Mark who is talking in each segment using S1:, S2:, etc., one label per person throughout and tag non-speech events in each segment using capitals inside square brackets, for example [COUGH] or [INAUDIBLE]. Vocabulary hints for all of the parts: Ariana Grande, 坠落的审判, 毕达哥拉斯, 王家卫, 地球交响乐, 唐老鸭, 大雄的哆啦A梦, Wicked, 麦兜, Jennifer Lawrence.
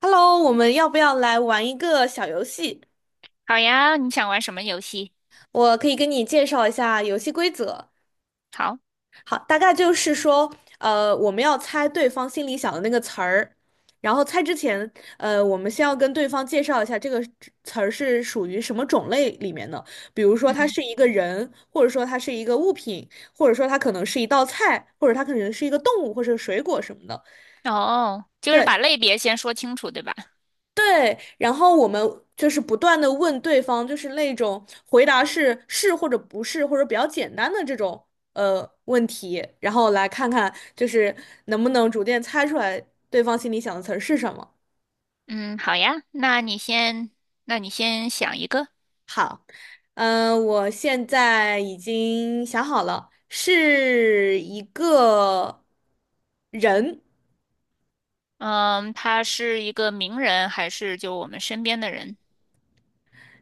S1: Hello,我们要不要来玩一个小游戏？
S2: 好呀，你想玩什么游戏？
S1: 我可以跟你介绍一下游戏规则。
S2: 好。
S1: 好，大概就是说，我们要猜对方心里想的那个词儿，然后猜之前，我们先要跟对方介绍一下这个词儿是属于什么种类里面的。比如说，它
S2: 嗯。
S1: 是一个人，或者说它是一个物品，或者说它可能是一道菜，或者它可能是一个动物或者水果什么的。
S2: 哦，就是
S1: 对，
S2: 把类别先说清楚，对吧？
S1: 对，然后我们就是不断的问对方，就是那种回答是是或者不是，或者比较简单的这种问题，然后来看看就是能不能逐渐猜出来对方心里想的词儿是什么。
S2: 嗯，好呀，那你先想一个。
S1: 嗯、我现在已经想好了，是一个人。
S2: 嗯，他是一个名人还是就我们身边的人？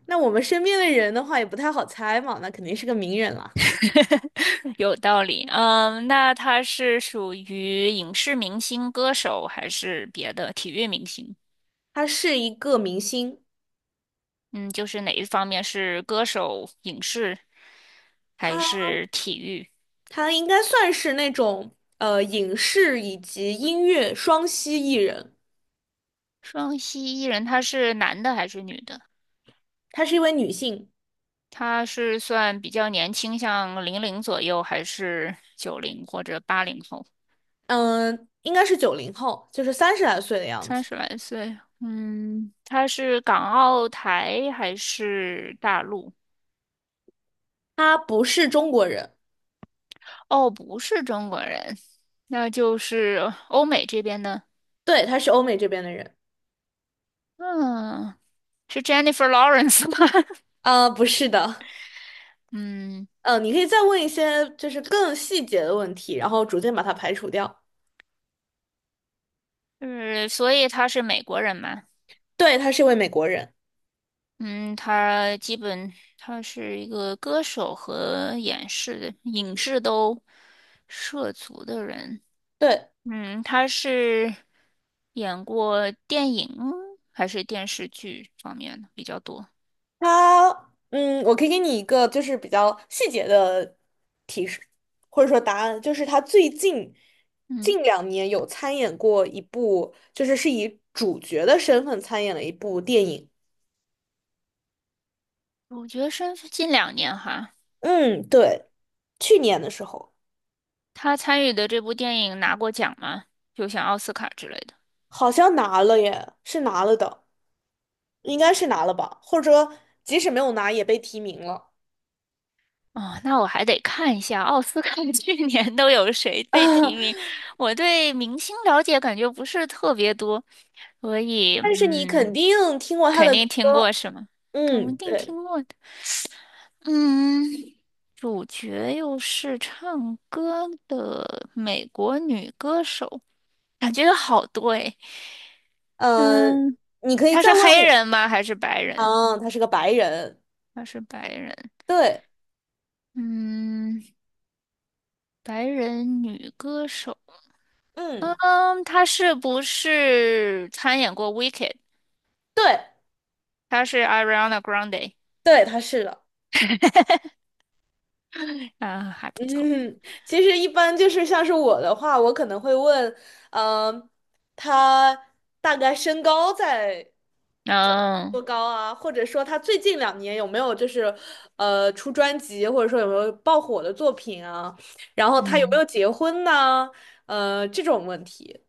S1: 那我们身边的人的话也不太好猜嘛，那肯定是个名人了。
S2: [LAUGHS] 有道理。嗯，那他是属于影视明星、歌手还是别的体育明星？
S1: 他是一个明星。
S2: 嗯，就是哪一方面是歌手、影视还
S1: 他。
S2: 是体育？
S1: 她应该算是那种影视以及音乐双栖艺人，
S2: 双栖艺人，他是男的还是女的？
S1: 她是一位女性，
S2: 他是算比较年轻，像零零左右，还是九零或者八零后？
S1: 嗯、应该是九零后，就是三十来岁的样
S2: 三
S1: 子。
S2: 十来岁，嗯，他是港澳台还是大陆？
S1: 她不是中国人，
S2: 哦，不是中国人，那就是欧美这边的。
S1: 对，她是欧美这边的人。
S2: 嗯，是 Jennifer Lawrence 吗？
S1: 啊，不是的，
S2: [LAUGHS] 嗯，
S1: 你可以再问一些就是更细节的问题，然后逐渐把它排除掉。
S2: 就是所以他是美国人嘛。
S1: 对，她是一位美国人，
S2: 嗯，他基本他是一个歌手和演示影视都涉足的人。
S1: 对，
S2: 嗯，他是演过电影还是电视剧方面的比较多？
S1: 他，嗯，我可以给你一个就是比较细节的提示，或者说答案，就是他最近
S2: 嗯，
S1: 近两年有参演过一部，就是是以主角的身份参演了一部电影。
S2: 主角身是近两年哈。
S1: 嗯，对，去年的时候
S2: 他参与的这部电影拿过奖吗？就像奥斯卡之类的。
S1: 好像拿了耶，是拿了的，应该是拿了吧，或者说即使没有拿也被提名了。
S2: 哦，那我还得看一下奥斯卡 [LAUGHS] 去年都有谁被提名。
S1: [LAUGHS]
S2: 我对明星了解感觉不是特别多，所以
S1: 但是你肯定听过他
S2: 肯
S1: 的
S2: 定听过
S1: 歌，
S2: 是吗？肯
S1: 嗯，
S2: 定听
S1: 对，
S2: 过的。嗯，主角又是唱歌的美国女歌手，感觉有好多诶。
S1: 呃，
S2: 嗯，
S1: 你可以
S2: 她
S1: 再
S2: 是
S1: 问
S2: 黑
S1: 我。
S2: 人吗？还是白人？
S1: 啊，他是个白人，
S2: 她是白人。
S1: 对，
S2: 嗯，白人女歌手。
S1: 嗯，
S2: 嗯，她是不是参演过《Wicked》？
S1: 对，
S2: 她是 Ariana Grande。
S1: 对，他是的，
S2: 啊，还
S1: [LAUGHS]
S2: 不错。
S1: 嗯，其实一般就是像是我的话，我可能会问，嗯、他大概身高在
S2: 嗯
S1: 多高啊？或者说他最近两年有没有就是出专辑，或者说有没有爆火的作品啊？然后他有没
S2: 嗯。
S1: 有结婚呢？这种问题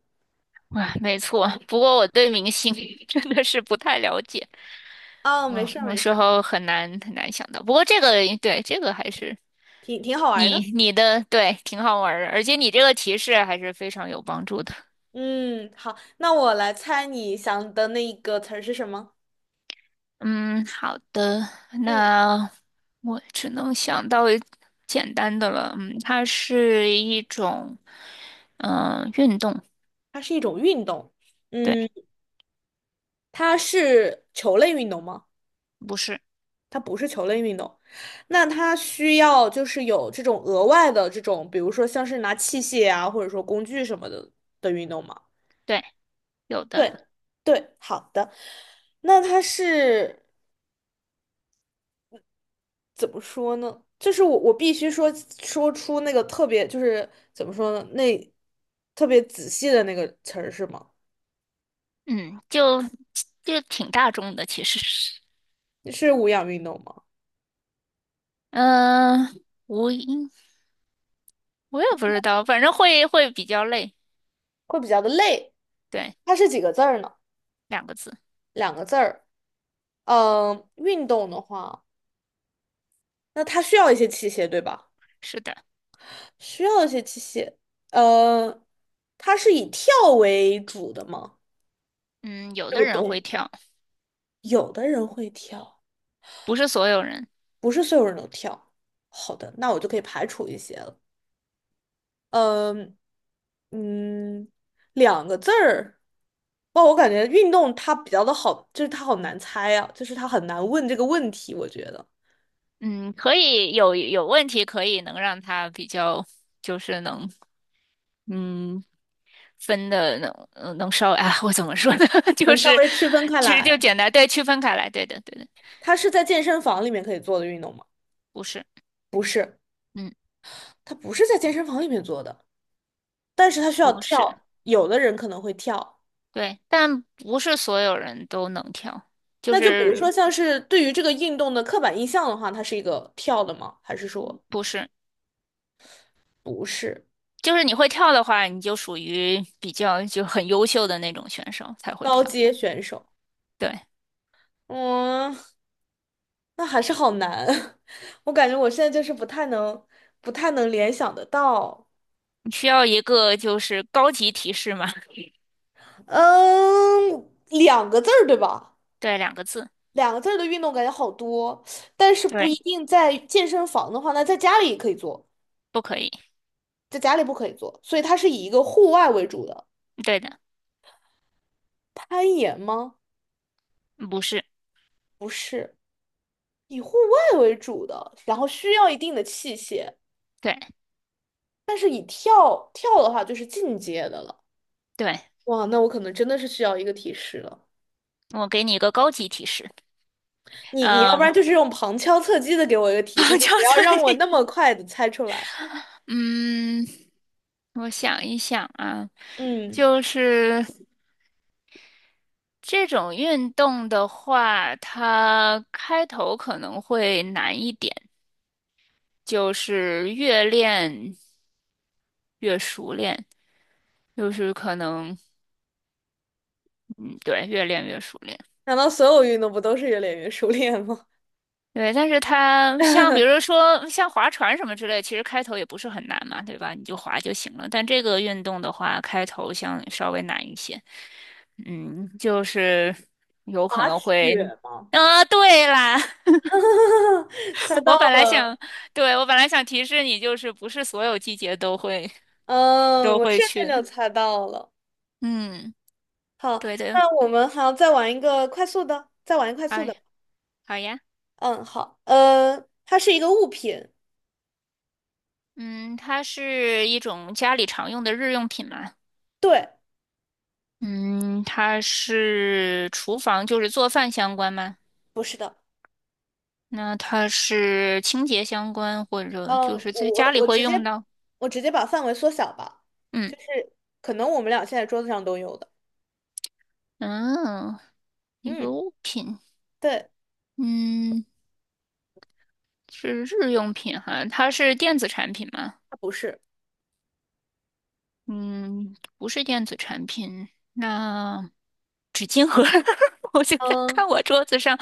S2: 哇，没错。不过我对明星 [LAUGHS] 真的是不太了解。
S1: 啊，没
S2: 嗯，
S1: 事儿
S2: 有
S1: 没
S2: 时
S1: 事儿，
S2: 候很难想到。不过这个对，这个还是
S1: 挺好玩儿
S2: 你
S1: 的。
S2: 你的对，挺好玩儿的，而且你这个提示还是非常有帮助的。
S1: 嗯，好，那我来猜你想的那一个词儿是什么？
S2: 嗯，好的，
S1: 嗯，
S2: 那我只能想到一简单的了。嗯，它是一种运动。
S1: 它是一种运动。
S2: 对，
S1: 嗯，它是球类运动吗？
S2: 不是。
S1: 它不是球类运动。那它需要就是有这种额外的这种，比如说像是拿器械啊，或者说工具什么的的运动吗？
S2: 对，有的。
S1: 对，对，好的。那它是怎么说呢？就是我必须说出那个特别就是怎么说呢？那特别仔细的那个词儿是吗？
S2: 嗯，就就挺大众的，其实是。
S1: 是无氧运动吗？
S2: 嗯、无音，我也不知道，反正会比较累。
S1: 会比较的累。
S2: 对，
S1: 它是几个字儿呢？
S2: 两个字。
S1: 两个字儿。嗯，运动的话，那它需要一些器械，对吧？
S2: 是的。
S1: 需要一些器械。呃，它是以跳为主的吗？
S2: 嗯，有
S1: 这
S2: 的
S1: 个
S2: 人会
S1: 动，
S2: 跳，
S1: 有的人会跳，
S2: 不是所有人。
S1: 不是所有人都跳。好的，那我就可以排除一些了。嗯嗯，两个字儿。哇，我感觉运动它比较的好，就是它好难猜啊，就是它很难问这个问题，我觉得
S2: 嗯，可以有问题，可以能让他比较，就是能嗯分的能能稍微啊，我怎么说呢？[LAUGHS] 就
S1: 能稍
S2: 是
S1: 微区分开
S2: 其实就
S1: 来。
S2: 简单对区分开来，对的对的。
S1: 它是在健身房里面可以做的运动吗？
S2: 不是。
S1: 不是。
S2: 嗯，
S1: 他不是在健身房里面做的，但是他需要
S2: 不是。
S1: 跳，有的人可能会跳。
S2: 对，但不是所有人都能跳，就
S1: 那就比如
S2: 是
S1: 说像是对于这个运动的刻板印象的话，它是一个跳的吗？还是说
S2: 不是。
S1: 不是
S2: 就是你会跳的话，你就属于比较就很优秀的那种选手才会
S1: 高
S2: 跳。
S1: 阶选手？
S2: 对，
S1: 嗯，那还是好难，[LAUGHS] 我感觉我现在就是不太能联想得到。
S2: 你需要一个就是高级提示嘛。
S1: 嗯，两个字儿对吧？
S2: 对，两个字。
S1: 两个字儿的运动感觉好多，但是不一
S2: 对，
S1: 定在健身房的话，那在家里也可以做，
S2: 不可以。
S1: 在家里不可以做，所以它是以一个户外为主的。
S2: 对的。
S1: 攀岩吗？
S2: 不是。
S1: 不是，以户外为主的，然后需要一定的器械，
S2: 对
S1: 但是以跳跳的话就是进阶的了。
S2: 对，
S1: 哇，那我可能真的是需要一个提示了。
S2: 我给你一个高级提示。
S1: 你要不
S2: 嗯，
S1: 然就是用旁敲侧击的给我一个提示，
S2: [LAUGHS]
S1: 就
S2: 就
S1: 不要
S2: 这
S1: 让我
S2: 里。
S1: 那么快的猜出来。
S2: 嗯，我想一想啊，
S1: 嗯，
S2: 就是这种运动的话，它开头可能会难一点，就是越练越熟练，就是可能，嗯，对，越练越熟练。
S1: 难道所有运动不都是越练越熟练吗？
S2: 对，但是它像比如说像划船什么之类，其实开头也不是很难嘛，对吧？你就划就行了。但这个运动的话，开头像稍微难一些。嗯，就是
S1: [LAUGHS]
S2: 有可
S1: 滑
S2: 能会，
S1: 雪吗？
S2: 啊，对啦，
S1: [LAUGHS] 猜
S2: [LAUGHS] 我
S1: 到
S2: 本来想，
S1: 了，
S2: 对，我本来想提示你，就是不是所有季节都会
S1: 嗯，
S2: 都
S1: 我
S2: 会
S1: 现在
S2: 去
S1: 就
S2: 的。
S1: 猜到了。
S2: 嗯，
S1: 好，
S2: 对的。
S1: 那我们还要再玩一个快速的，再玩一个快速
S2: 哎，
S1: 的。
S2: 好呀。
S1: 嗯，好，它是一个物品，
S2: 嗯，它是一种家里常用的日用品嘛。
S1: 对，
S2: 嗯，它是厨房，就是做饭相关吗？
S1: 不是的，
S2: 那它是清洁相关，或者
S1: 嗯，
S2: 就
S1: 我
S2: 是在家
S1: 我
S2: 里
S1: 我
S2: 会
S1: 直接
S2: 用到。
S1: 我直接把范围缩小吧，
S2: 嗯
S1: 就是可能我们俩现在桌子上都有的，
S2: 嗯，一
S1: 嗯，
S2: 个物品。
S1: 对，
S2: 嗯，是日用品哈，它是电子产品吗？
S1: 它不是，
S2: 嗯，不是电子产品。那 [LAUGHS] 我现在
S1: 嗯
S2: 看我桌子上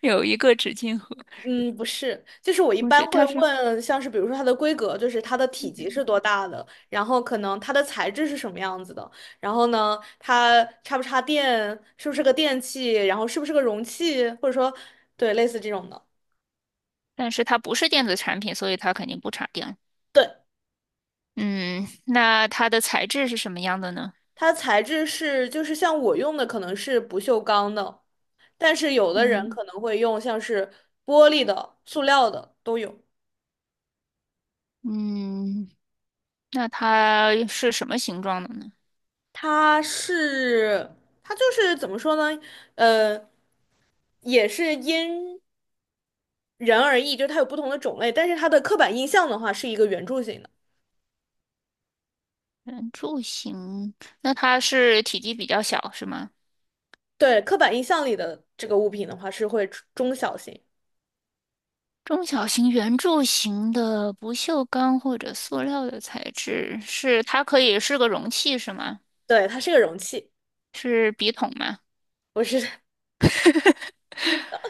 S2: 有一个纸巾盒。
S1: 嗯，不是，就是我一
S2: 不
S1: 般
S2: 是，
S1: 会
S2: 它是，
S1: 问，像是比如说它的规格，就是它的体积是多大的，然后可能它的材质是什么样子的，然后呢，它插不插电，是不是个电器，然后是不是个容器，或者说对类似这种的，
S2: 但是它不是电子产品，所以它肯定不插电。
S1: 对，
S2: 嗯，那它的材质是什么样的呢？
S1: 它材质是就是像我用的可能是不锈钢的，但是有的人
S2: 嗯。
S1: 可能会用像是玻璃的、塑料的都有。
S2: 嗯，那它是什么形状的呢？
S1: 它是它就是怎么说呢？呃，也是因人而异，就它有不同的种类，但是它的刻板印象的话是一个圆柱形的。
S2: 圆柱形，那它是体积比较小，是吗？
S1: 对，刻板印象里的这个物品的话是会中小型，
S2: 中小型圆柱形的不锈钢或者塑料的材质，是它可以是个容器，是吗？
S1: 对，它是个容器。
S2: 是笔筒吗？
S1: 我是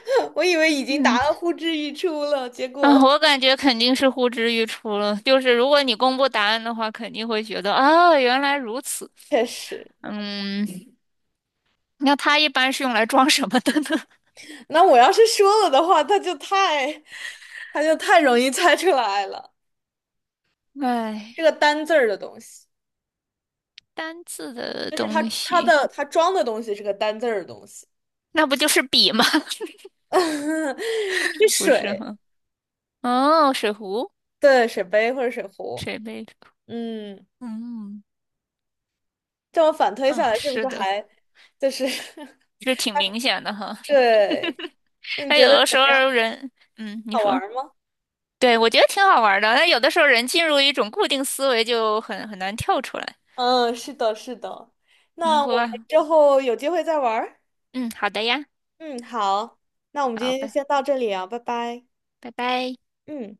S1: [LAUGHS] 我以为已经
S2: 嗯
S1: 答到呼之欲出了，结
S2: [LAUGHS]，啊，
S1: 果
S2: 我感觉肯定是呼之欲出了。就是如果你公布答案的话，肯定会觉得啊，原来如此。
S1: [LAUGHS] 确实。
S2: 嗯，那它一般是用来装什么的呢？
S1: 那我要是说了的话，他就太，他就太容易猜出来了。
S2: [LAUGHS] 哎，
S1: 是个单字儿的东西，
S2: 单字的
S1: 就是他
S2: 东
S1: 他
S2: 西。
S1: 的他装的东西是个单字儿的东西，
S2: 那不就是笔吗？
S1: [LAUGHS] 是
S2: [LAUGHS] 不是
S1: 水，
S2: 哈。哦，水壶，
S1: 对，水杯或者水壶。
S2: 水杯
S1: 嗯，
S2: 嗯
S1: 这么反推
S2: 嗯，
S1: 下
S2: 啊，
S1: 来，是不
S2: 是
S1: 是
S2: 的，
S1: 还就是 [LAUGHS]
S2: 这挺明显的哈。
S1: 对？那你
S2: 那
S1: 觉
S2: 有
S1: 得
S2: 的时
S1: 怎么
S2: 候
S1: 样？
S2: 人，嗯，你
S1: 好玩
S2: 说，
S1: 儿吗？
S2: 对，我觉得挺好玩儿的。那有的时候人进入一种固定思维，就很难跳出来。
S1: 嗯，是的，是的。
S2: 通
S1: 那
S2: 过，
S1: 我们之后有机会再玩儿。
S2: 嗯，好的呀。
S1: 嗯，好，那我们今
S2: 好，
S1: 天就
S2: 拜
S1: 先到这里啊，拜拜。
S2: 拜拜。
S1: 嗯。